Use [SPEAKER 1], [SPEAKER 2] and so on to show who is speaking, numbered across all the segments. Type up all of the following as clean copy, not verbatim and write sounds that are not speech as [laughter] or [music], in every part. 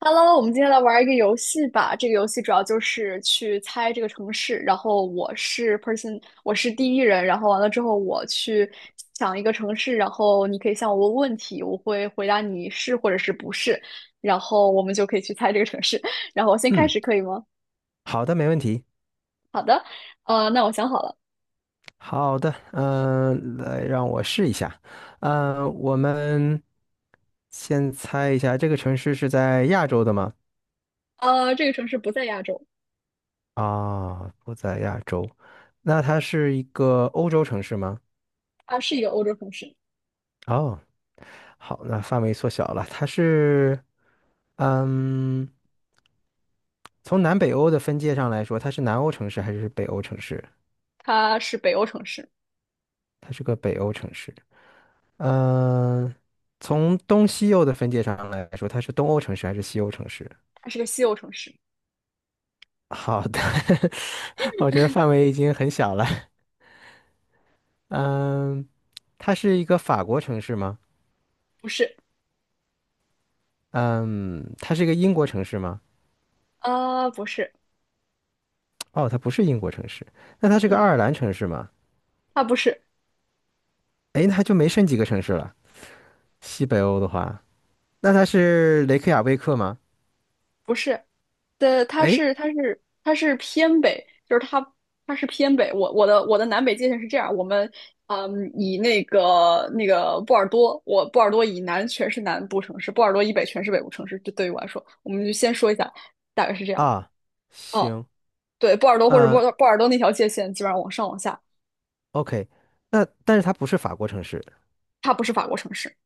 [SPEAKER 1] Hello，我们今天来玩一个游戏吧。这个游戏主要就是去猜这个城市，然后我是 person，我是第一人，然后完了之后我去想一个城市，然后你可以向我问问题，我会回答你是或者是不是，然后我们就可以去猜这个城市。[laughs] 然后我先开
[SPEAKER 2] 嗯，
[SPEAKER 1] 始可以吗？
[SPEAKER 2] 好的，没问题。
[SPEAKER 1] 那我想好了，
[SPEAKER 2] 好的，来让我试一下。我们先猜一下，这个城市是在亚洲的吗？
[SPEAKER 1] 这个城市不在亚洲，
[SPEAKER 2] 啊，不在亚洲。那它是一个欧洲城市吗？
[SPEAKER 1] 它是一个欧洲城市，
[SPEAKER 2] 哦，好，那范围缩小了。它是，嗯，从南北欧的分界上来说，它是南欧城市还是北欧城市？
[SPEAKER 1] 它是北欧城市，
[SPEAKER 2] 它是个北欧城市。嗯、呃从东西欧的分界上来说，它是东欧城市还是西欧城市？
[SPEAKER 1] 它是个西欧城市，
[SPEAKER 2] [laughs] 好的，[laughs] 我觉得范围已经很小了。嗯，它是一个法国城市吗？
[SPEAKER 1] 不是，
[SPEAKER 2] 嗯，它是一个英国城市吗？
[SPEAKER 1] 不是，
[SPEAKER 2] 哦，它不是英国城市。那它是个爱
[SPEAKER 1] 嗯，
[SPEAKER 2] 尔兰城市吗？
[SPEAKER 1] 它不是。
[SPEAKER 2] 诶，那它就没剩几个城市了。西北欧的话，那它是雷克雅未克吗？
[SPEAKER 1] 不是，的，它
[SPEAKER 2] 诶，
[SPEAKER 1] 是它是它是偏北，就是它它是偏北。我的南北界限是这样，我们以那个波尔多，我波尔多以南全是南部城市，波尔多以北全是北部城市。这对于我来说，我们就先说一下，大概是这样。
[SPEAKER 2] 啊，
[SPEAKER 1] 哦，
[SPEAKER 2] 行，
[SPEAKER 1] 对，波尔多或者
[SPEAKER 2] 呃
[SPEAKER 1] 波尔多那条界限基本上往上往下，
[SPEAKER 2] ，OK，那但是它不是法国城市。
[SPEAKER 1] 它不是法国城市，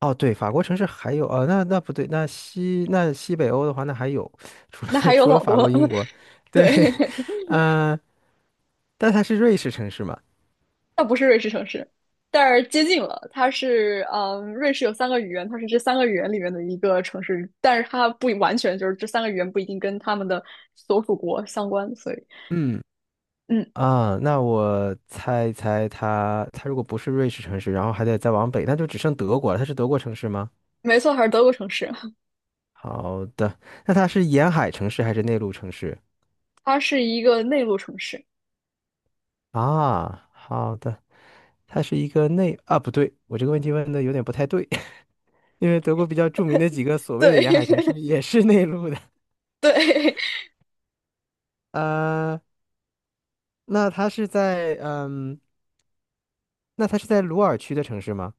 [SPEAKER 2] 哦，对，法国城市还有，那不对，那西北欧的话，那还有，除
[SPEAKER 1] 那
[SPEAKER 2] 了 [laughs]
[SPEAKER 1] 还有
[SPEAKER 2] 除了
[SPEAKER 1] 老
[SPEAKER 2] 法
[SPEAKER 1] 多
[SPEAKER 2] 国、
[SPEAKER 1] 了。
[SPEAKER 2] 英国，
[SPEAKER 1] [laughs]
[SPEAKER 2] 对，
[SPEAKER 1] 对，
[SPEAKER 2] [laughs] 嗯，但它是瑞士城市嘛？
[SPEAKER 1] 它不是瑞士城市，但是接近了。它是，嗯，瑞士有三个语言，它是这三个语言里面的一个城市，但是它不完全就是这三个语言不一定跟他们的所属国相关，所以，
[SPEAKER 2] 嗯，
[SPEAKER 1] 嗯，
[SPEAKER 2] 啊，那我猜一猜它如果不是瑞士城市，然后还得再往北，那就只剩德国了。它是德国城市吗？
[SPEAKER 1] 没错，还是德国城市，
[SPEAKER 2] 好的，那它是沿海城市还是内陆城市？
[SPEAKER 1] 它是一个内陆城市。
[SPEAKER 2] 啊，好的，它是一个内，啊，不对，我这个问题问的有点不太对，[laughs] 因为德国比较著名的几个所谓
[SPEAKER 1] 对
[SPEAKER 2] 的沿海城市也是内陆的。
[SPEAKER 1] [laughs] 对，
[SPEAKER 2] 呃那它是在鲁尔区的城市吗？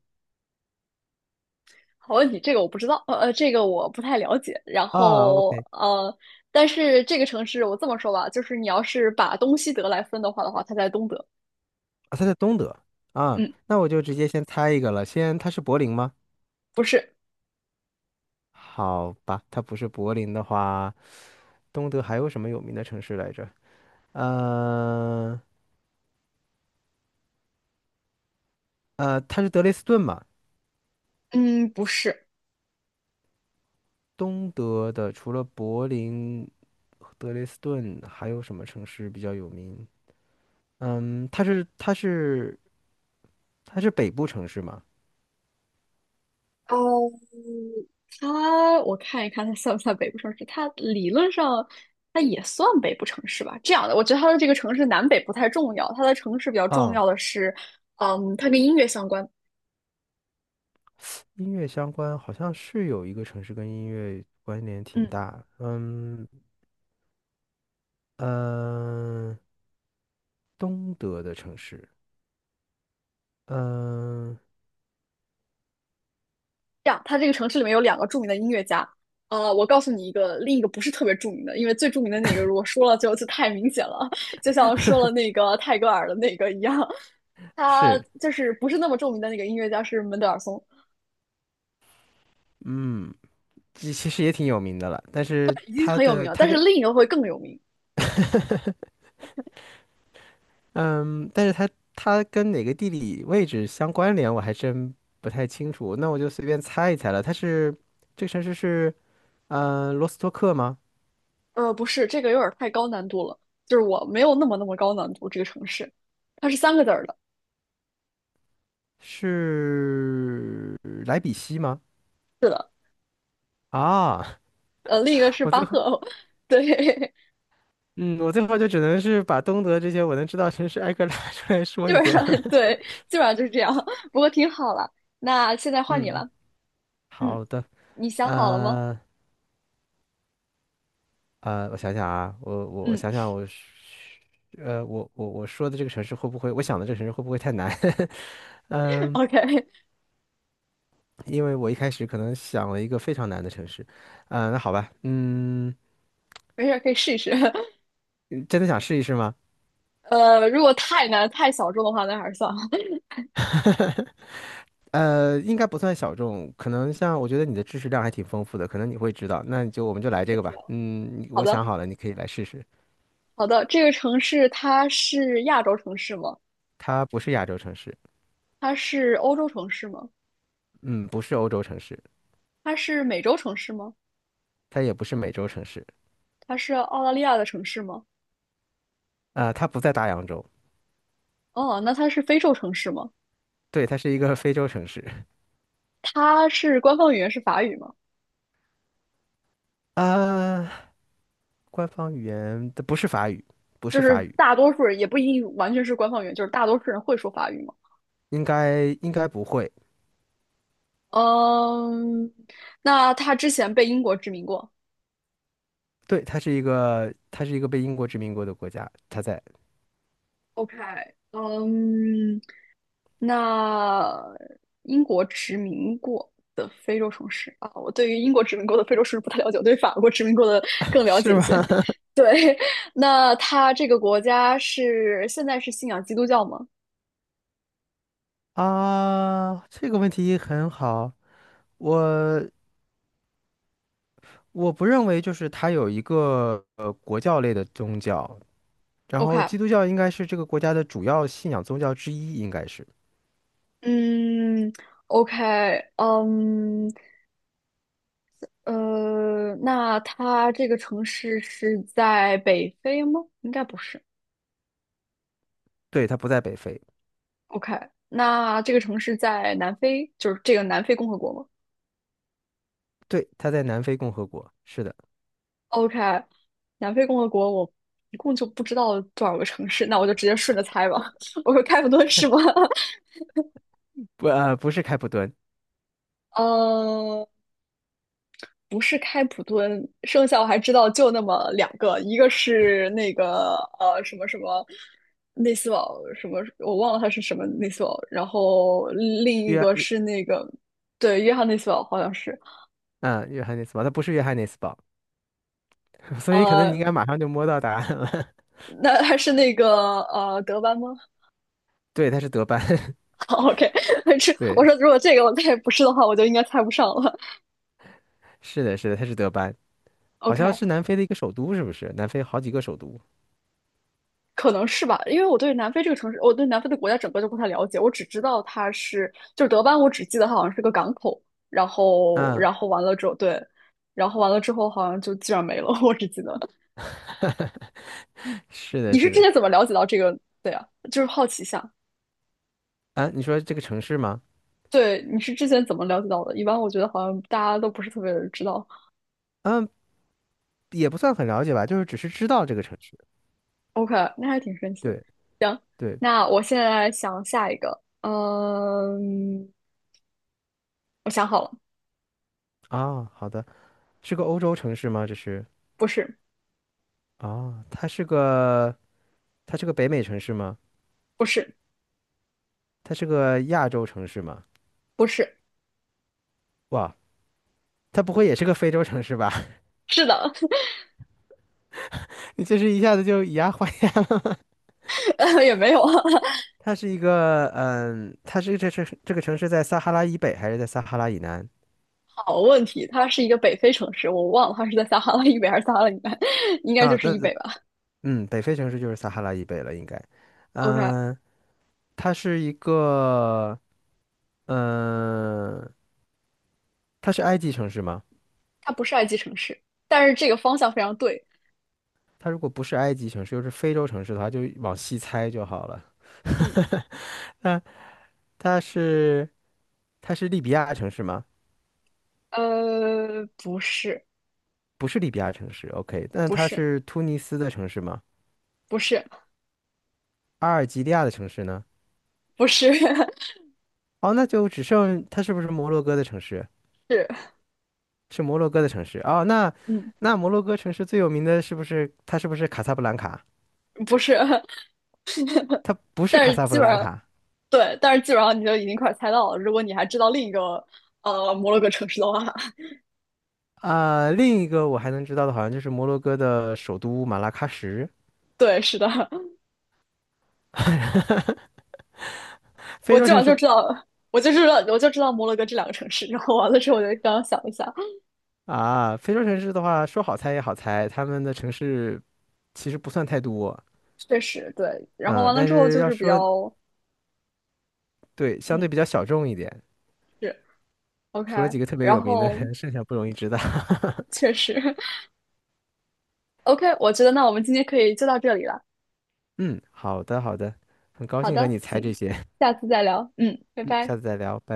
[SPEAKER 1] 好问题，这个我不知道，呃，这个我不太了解。然
[SPEAKER 2] 啊
[SPEAKER 1] 后，
[SPEAKER 2] ，OK，
[SPEAKER 1] 但是这个城市我这么说吧，就是你要是把东西德来分的话，它在东德。
[SPEAKER 2] 啊，它在东德啊，
[SPEAKER 1] 嗯，
[SPEAKER 2] 那我就直接先猜一个了，先它是柏林吗？
[SPEAKER 1] 不是，
[SPEAKER 2] 好吧，它不是柏林的话，东德还有什么有名的城市来着？呃它是德累斯顿嘛？
[SPEAKER 1] 嗯，不是。
[SPEAKER 2] 东德的除了柏林、德累斯顿，还有什么城市比较有名？嗯，它是它是它是北部城市吗？
[SPEAKER 1] 哦，它我看一看，它算不算北部城市？它理论上它也算北部城市吧。这样的，我觉得它的这个城市南北不太重要，它的城市比较重
[SPEAKER 2] 啊。
[SPEAKER 1] 要的是，嗯，它跟音乐相关。
[SPEAKER 2] 音乐相关好像是有一个城市跟音乐关联挺
[SPEAKER 1] 嗯，
[SPEAKER 2] 大，嗯，呃东德的城市，嗯
[SPEAKER 1] 这样，它这个城市里面有两个著名的音乐家。我告诉你一个，另一个不是特别著名的，因为最著名的那个如果说了就太明显了，[laughs] 就像说了那个泰戈尔的那个一样，他
[SPEAKER 2] 是，
[SPEAKER 1] 就是不是那么著名的那个音乐家是门德尔松，
[SPEAKER 2] 嗯，其实也挺有名的了，但是
[SPEAKER 1] 已经
[SPEAKER 2] 它
[SPEAKER 1] 很有名
[SPEAKER 2] 的
[SPEAKER 1] 了，
[SPEAKER 2] 它
[SPEAKER 1] 但是
[SPEAKER 2] 跟
[SPEAKER 1] 另一个会更有名。
[SPEAKER 2] 但是它跟哪个地理位置相关联，我还真不太清楚，那我就随便猜一猜了，这个城市是罗斯托克吗？
[SPEAKER 1] 不是，这个有点儿太高难度了，就是我没有那么高难度。这个城市，它是三个字儿的，
[SPEAKER 2] 是莱比锡吗？
[SPEAKER 1] 是的，
[SPEAKER 2] 啊，
[SPEAKER 1] 另一个
[SPEAKER 2] [laughs]
[SPEAKER 1] 是
[SPEAKER 2] 我
[SPEAKER 1] 巴
[SPEAKER 2] 最后。
[SPEAKER 1] 赫，[laughs] 对，
[SPEAKER 2] 嗯，我最后就只能是把东德这些我能知道的城市挨个拉出来
[SPEAKER 1] [laughs]
[SPEAKER 2] 说
[SPEAKER 1] 基
[SPEAKER 2] 一
[SPEAKER 1] 本
[SPEAKER 2] 遍
[SPEAKER 1] 上
[SPEAKER 2] 了。[laughs]
[SPEAKER 1] 对，基本上就是这样。[laughs] 不过挺好了，那现在换你
[SPEAKER 2] 嗯，
[SPEAKER 1] 了，嗯，
[SPEAKER 2] 好的，
[SPEAKER 1] 你想好了吗？
[SPEAKER 2] 呃我想想啊，我
[SPEAKER 1] 嗯
[SPEAKER 2] 想想我是，我想的这个城市会不会太难？[laughs]
[SPEAKER 1] [laughs]
[SPEAKER 2] 嗯，
[SPEAKER 1] ，OK，
[SPEAKER 2] 因为我一开始可能想了一个非常难的城市，那好吧，
[SPEAKER 1] 没事儿，可以试一试。[laughs]
[SPEAKER 2] 真的想试一试吗？
[SPEAKER 1] 如果太难、太小众的话，那还是算了。
[SPEAKER 2] [laughs] 应该不算小众，可能像我觉得你的知识量还挺丰富的，可能你会知道，那你就我们就来
[SPEAKER 1] [laughs]
[SPEAKER 2] 这
[SPEAKER 1] 谢
[SPEAKER 2] 个
[SPEAKER 1] 谢。
[SPEAKER 2] 吧，你
[SPEAKER 1] 好
[SPEAKER 2] 我想
[SPEAKER 1] 的，
[SPEAKER 2] 好了，你可以来试试，
[SPEAKER 1] 好的，这个城市它是亚洲城市吗？
[SPEAKER 2] 它不是亚洲城市。
[SPEAKER 1] 它是欧洲城市吗？
[SPEAKER 2] 嗯，不是欧洲城市，
[SPEAKER 1] 它是美洲城市吗？
[SPEAKER 2] 它也不是美洲城市，
[SPEAKER 1] 它是澳大利亚的城市吗？
[SPEAKER 2] 啊、它不在大洋洲，
[SPEAKER 1] 哦，那它是非洲城市吗？
[SPEAKER 2] 对，它是一个非洲城市，
[SPEAKER 1] 它是官方语言是法语吗？
[SPEAKER 2] [laughs] 啊、官方语言它不是法语，不是
[SPEAKER 1] 就
[SPEAKER 2] 法
[SPEAKER 1] 是
[SPEAKER 2] 语，
[SPEAKER 1] 大多数人也不一定完全是官方语言，就是大多数人会说法语吗？
[SPEAKER 2] 应该应该不会，
[SPEAKER 1] 嗯，那它之前被英国殖民过。
[SPEAKER 2] 对，它是一个被英国殖民过的国家，它在
[SPEAKER 1] OK，嗯，那英国殖民过的非洲城市啊，我对于英国殖民过的非洲城市不太了解，我对法国殖民过的
[SPEAKER 2] [laughs]，
[SPEAKER 1] 更了解
[SPEAKER 2] 是
[SPEAKER 1] 一
[SPEAKER 2] 吗？
[SPEAKER 1] 些。[laughs] 对，那它这个国家是现在是信仰基督教吗
[SPEAKER 2] 啊，这个问题很好，我我不认为就是它有一个国教类的宗教，然后
[SPEAKER 1] ？OK，
[SPEAKER 2] 基督教应该是这个国家的主要信仰宗教之一，应该是，
[SPEAKER 1] 嗯，OK，嗯，那它这个城市是在北非吗？应该不是。
[SPEAKER 2] 对，它不在北非。
[SPEAKER 1] OK，那这个城市在南非，就是这个南非共和国吗
[SPEAKER 2] 对，他在南非共和国，是的，
[SPEAKER 1] ？OK，南非共和国我一共就不知道多少个城市，那我就直接顺着猜吧。[laughs] 我说开普敦是吗？
[SPEAKER 2] 开不呃不是开普敦，
[SPEAKER 1] [laughs] 呃。不是开普敦，剩下我还知道就那么两个，一个是那个什么什么内斯堡什么，我忘了他是什么内斯堡，然后另一
[SPEAKER 2] 约
[SPEAKER 1] 个
[SPEAKER 2] 约
[SPEAKER 1] 是那个对约翰内斯堡好像是，
[SPEAKER 2] 啊约翰内斯堡，他不是约翰内斯堡，[laughs] 所以可能你
[SPEAKER 1] 呃，
[SPEAKER 2] 应该马上就摸到答案了。[laughs]
[SPEAKER 1] 那还是那个德班吗
[SPEAKER 2] 对，他是德班，
[SPEAKER 1] [laughs]？OK，[laughs] 这
[SPEAKER 2] [laughs] 对，
[SPEAKER 1] 我说如果这个我再不是的话，我就应该猜不上了。
[SPEAKER 2] 是的，是的，他是德班，好像
[SPEAKER 1] OK，
[SPEAKER 2] 是南非的一个首都，是不是？南非好几个首都，
[SPEAKER 1] 可能是吧，因为我对南非这个城市，我对南非的国家整个就不太了解，我只知道它是，就是德班，我只记得它好像是个港口，然后，
[SPEAKER 2] 嗯，
[SPEAKER 1] 然后完了之后，对，然后完了之后好像就基本上没了，[laughs] 我只记得。
[SPEAKER 2] [laughs] 是的，
[SPEAKER 1] 你是
[SPEAKER 2] 是
[SPEAKER 1] 之
[SPEAKER 2] 的，
[SPEAKER 1] 前怎么了解到这个？对呀，就是好奇一下。
[SPEAKER 2] 啊，你说这个城市吗？
[SPEAKER 1] 对，你是之前怎么了解到的？一般我觉得好像大家都不是特别知道。
[SPEAKER 2] 嗯，也不算很了解吧，就是只是知道这个城市。
[SPEAKER 1] OK，那还挺神奇的。
[SPEAKER 2] 对对
[SPEAKER 1] 那我现在想下一个，嗯，我想好了，
[SPEAKER 2] 啊，好的，是个欧洲城市吗？
[SPEAKER 1] 不是，
[SPEAKER 2] 啊，它是个北美城市吗？
[SPEAKER 1] 不是，
[SPEAKER 2] 它是个亚洲城市吗？
[SPEAKER 1] 不是，
[SPEAKER 2] 哇，它不会也是个非洲城市吧？
[SPEAKER 1] 是的，
[SPEAKER 2] [laughs] 你这是一下子就以牙还牙了吗
[SPEAKER 1] [laughs] 也没有啊
[SPEAKER 2] [laughs] 它是一个，它是这个城市在撒哈拉以北还是在撒哈拉以南？
[SPEAKER 1] 好问题，它是一个北非城市，我忘了它是在撒哈拉以北还是撒哈拉以南，[laughs] 应该就
[SPEAKER 2] 啊，
[SPEAKER 1] 是
[SPEAKER 2] 那
[SPEAKER 1] 以北吧。
[SPEAKER 2] 北非城市就是撒哈拉以北了，应该。
[SPEAKER 1] OK，
[SPEAKER 2] 嗯，它是一个，嗯，它是埃及城市吗？
[SPEAKER 1] 它不是埃及城市，但是这个方向非常对。
[SPEAKER 2] 它如果不是埃及城市，又是非洲城市的话，就往西猜就好了。
[SPEAKER 1] 嗯，
[SPEAKER 2] [laughs] 它它是它是利比亚城市吗？
[SPEAKER 1] 不是，
[SPEAKER 2] 不是利比亚城市，OK，那
[SPEAKER 1] 不
[SPEAKER 2] 它
[SPEAKER 1] 是，
[SPEAKER 2] 是突尼斯的城市吗？
[SPEAKER 1] 不是，
[SPEAKER 2] 阿尔及利亚的城市呢？
[SPEAKER 1] 不是，
[SPEAKER 2] 哦，那就只剩它是不是摩洛哥的城市？
[SPEAKER 1] [laughs] 是，
[SPEAKER 2] 是摩洛哥的城市哦，那
[SPEAKER 1] 嗯，
[SPEAKER 2] 那摩洛哥城市最有名的是不是它是不是卡萨布兰卡？
[SPEAKER 1] 不是，
[SPEAKER 2] 它不是
[SPEAKER 1] 但
[SPEAKER 2] 卡
[SPEAKER 1] 是
[SPEAKER 2] 萨布
[SPEAKER 1] 基本
[SPEAKER 2] 兰
[SPEAKER 1] 上
[SPEAKER 2] 卡
[SPEAKER 1] 对，但是基本上你就已经快猜到了。如果你还知道另一个摩洛哥城市的话，[laughs]
[SPEAKER 2] 啊、另一个我还能知道的，好像就是摩洛哥的首都马拉喀什。
[SPEAKER 1] 对，是的，
[SPEAKER 2] [laughs] 非
[SPEAKER 1] 我基
[SPEAKER 2] 洲
[SPEAKER 1] 本
[SPEAKER 2] 城
[SPEAKER 1] 上
[SPEAKER 2] 市
[SPEAKER 1] 就知道，我就知道摩洛哥这两个城市。然后完了之后，我就刚刚想了一下，
[SPEAKER 2] 啊，非洲城市的话，说好猜也好猜，他们的城市其实不算太多，
[SPEAKER 1] 确实对。然后
[SPEAKER 2] 啊。
[SPEAKER 1] 完了
[SPEAKER 2] 但
[SPEAKER 1] 之后
[SPEAKER 2] 是
[SPEAKER 1] 就
[SPEAKER 2] 要
[SPEAKER 1] 是比
[SPEAKER 2] 说
[SPEAKER 1] 较，
[SPEAKER 2] 对，相
[SPEAKER 1] 嗯，
[SPEAKER 2] 对比较小众一点。
[SPEAKER 1] 是 OK。
[SPEAKER 2] 除了几个特别
[SPEAKER 1] 然
[SPEAKER 2] 有名的
[SPEAKER 1] 后
[SPEAKER 2] 人，剩下不容易知道。[laughs]
[SPEAKER 1] 确实 [laughs] OK，我觉得那我们今天可以就到这里了。
[SPEAKER 2] 嗯，好的，好的，很高
[SPEAKER 1] 好
[SPEAKER 2] 兴和
[SPEAKER 1] 的，
[SPEAKER 2] 你猜这
[SPEAKER 1] 行，
[SPEAKER 2] 些。
[SPEAKER 1] 下次再聊。嗯，拜
[SPEAKER 2] 嗯，
[SPEAKER 1] 拜。
[SPEAKER 2] 下次再聊，拜拜。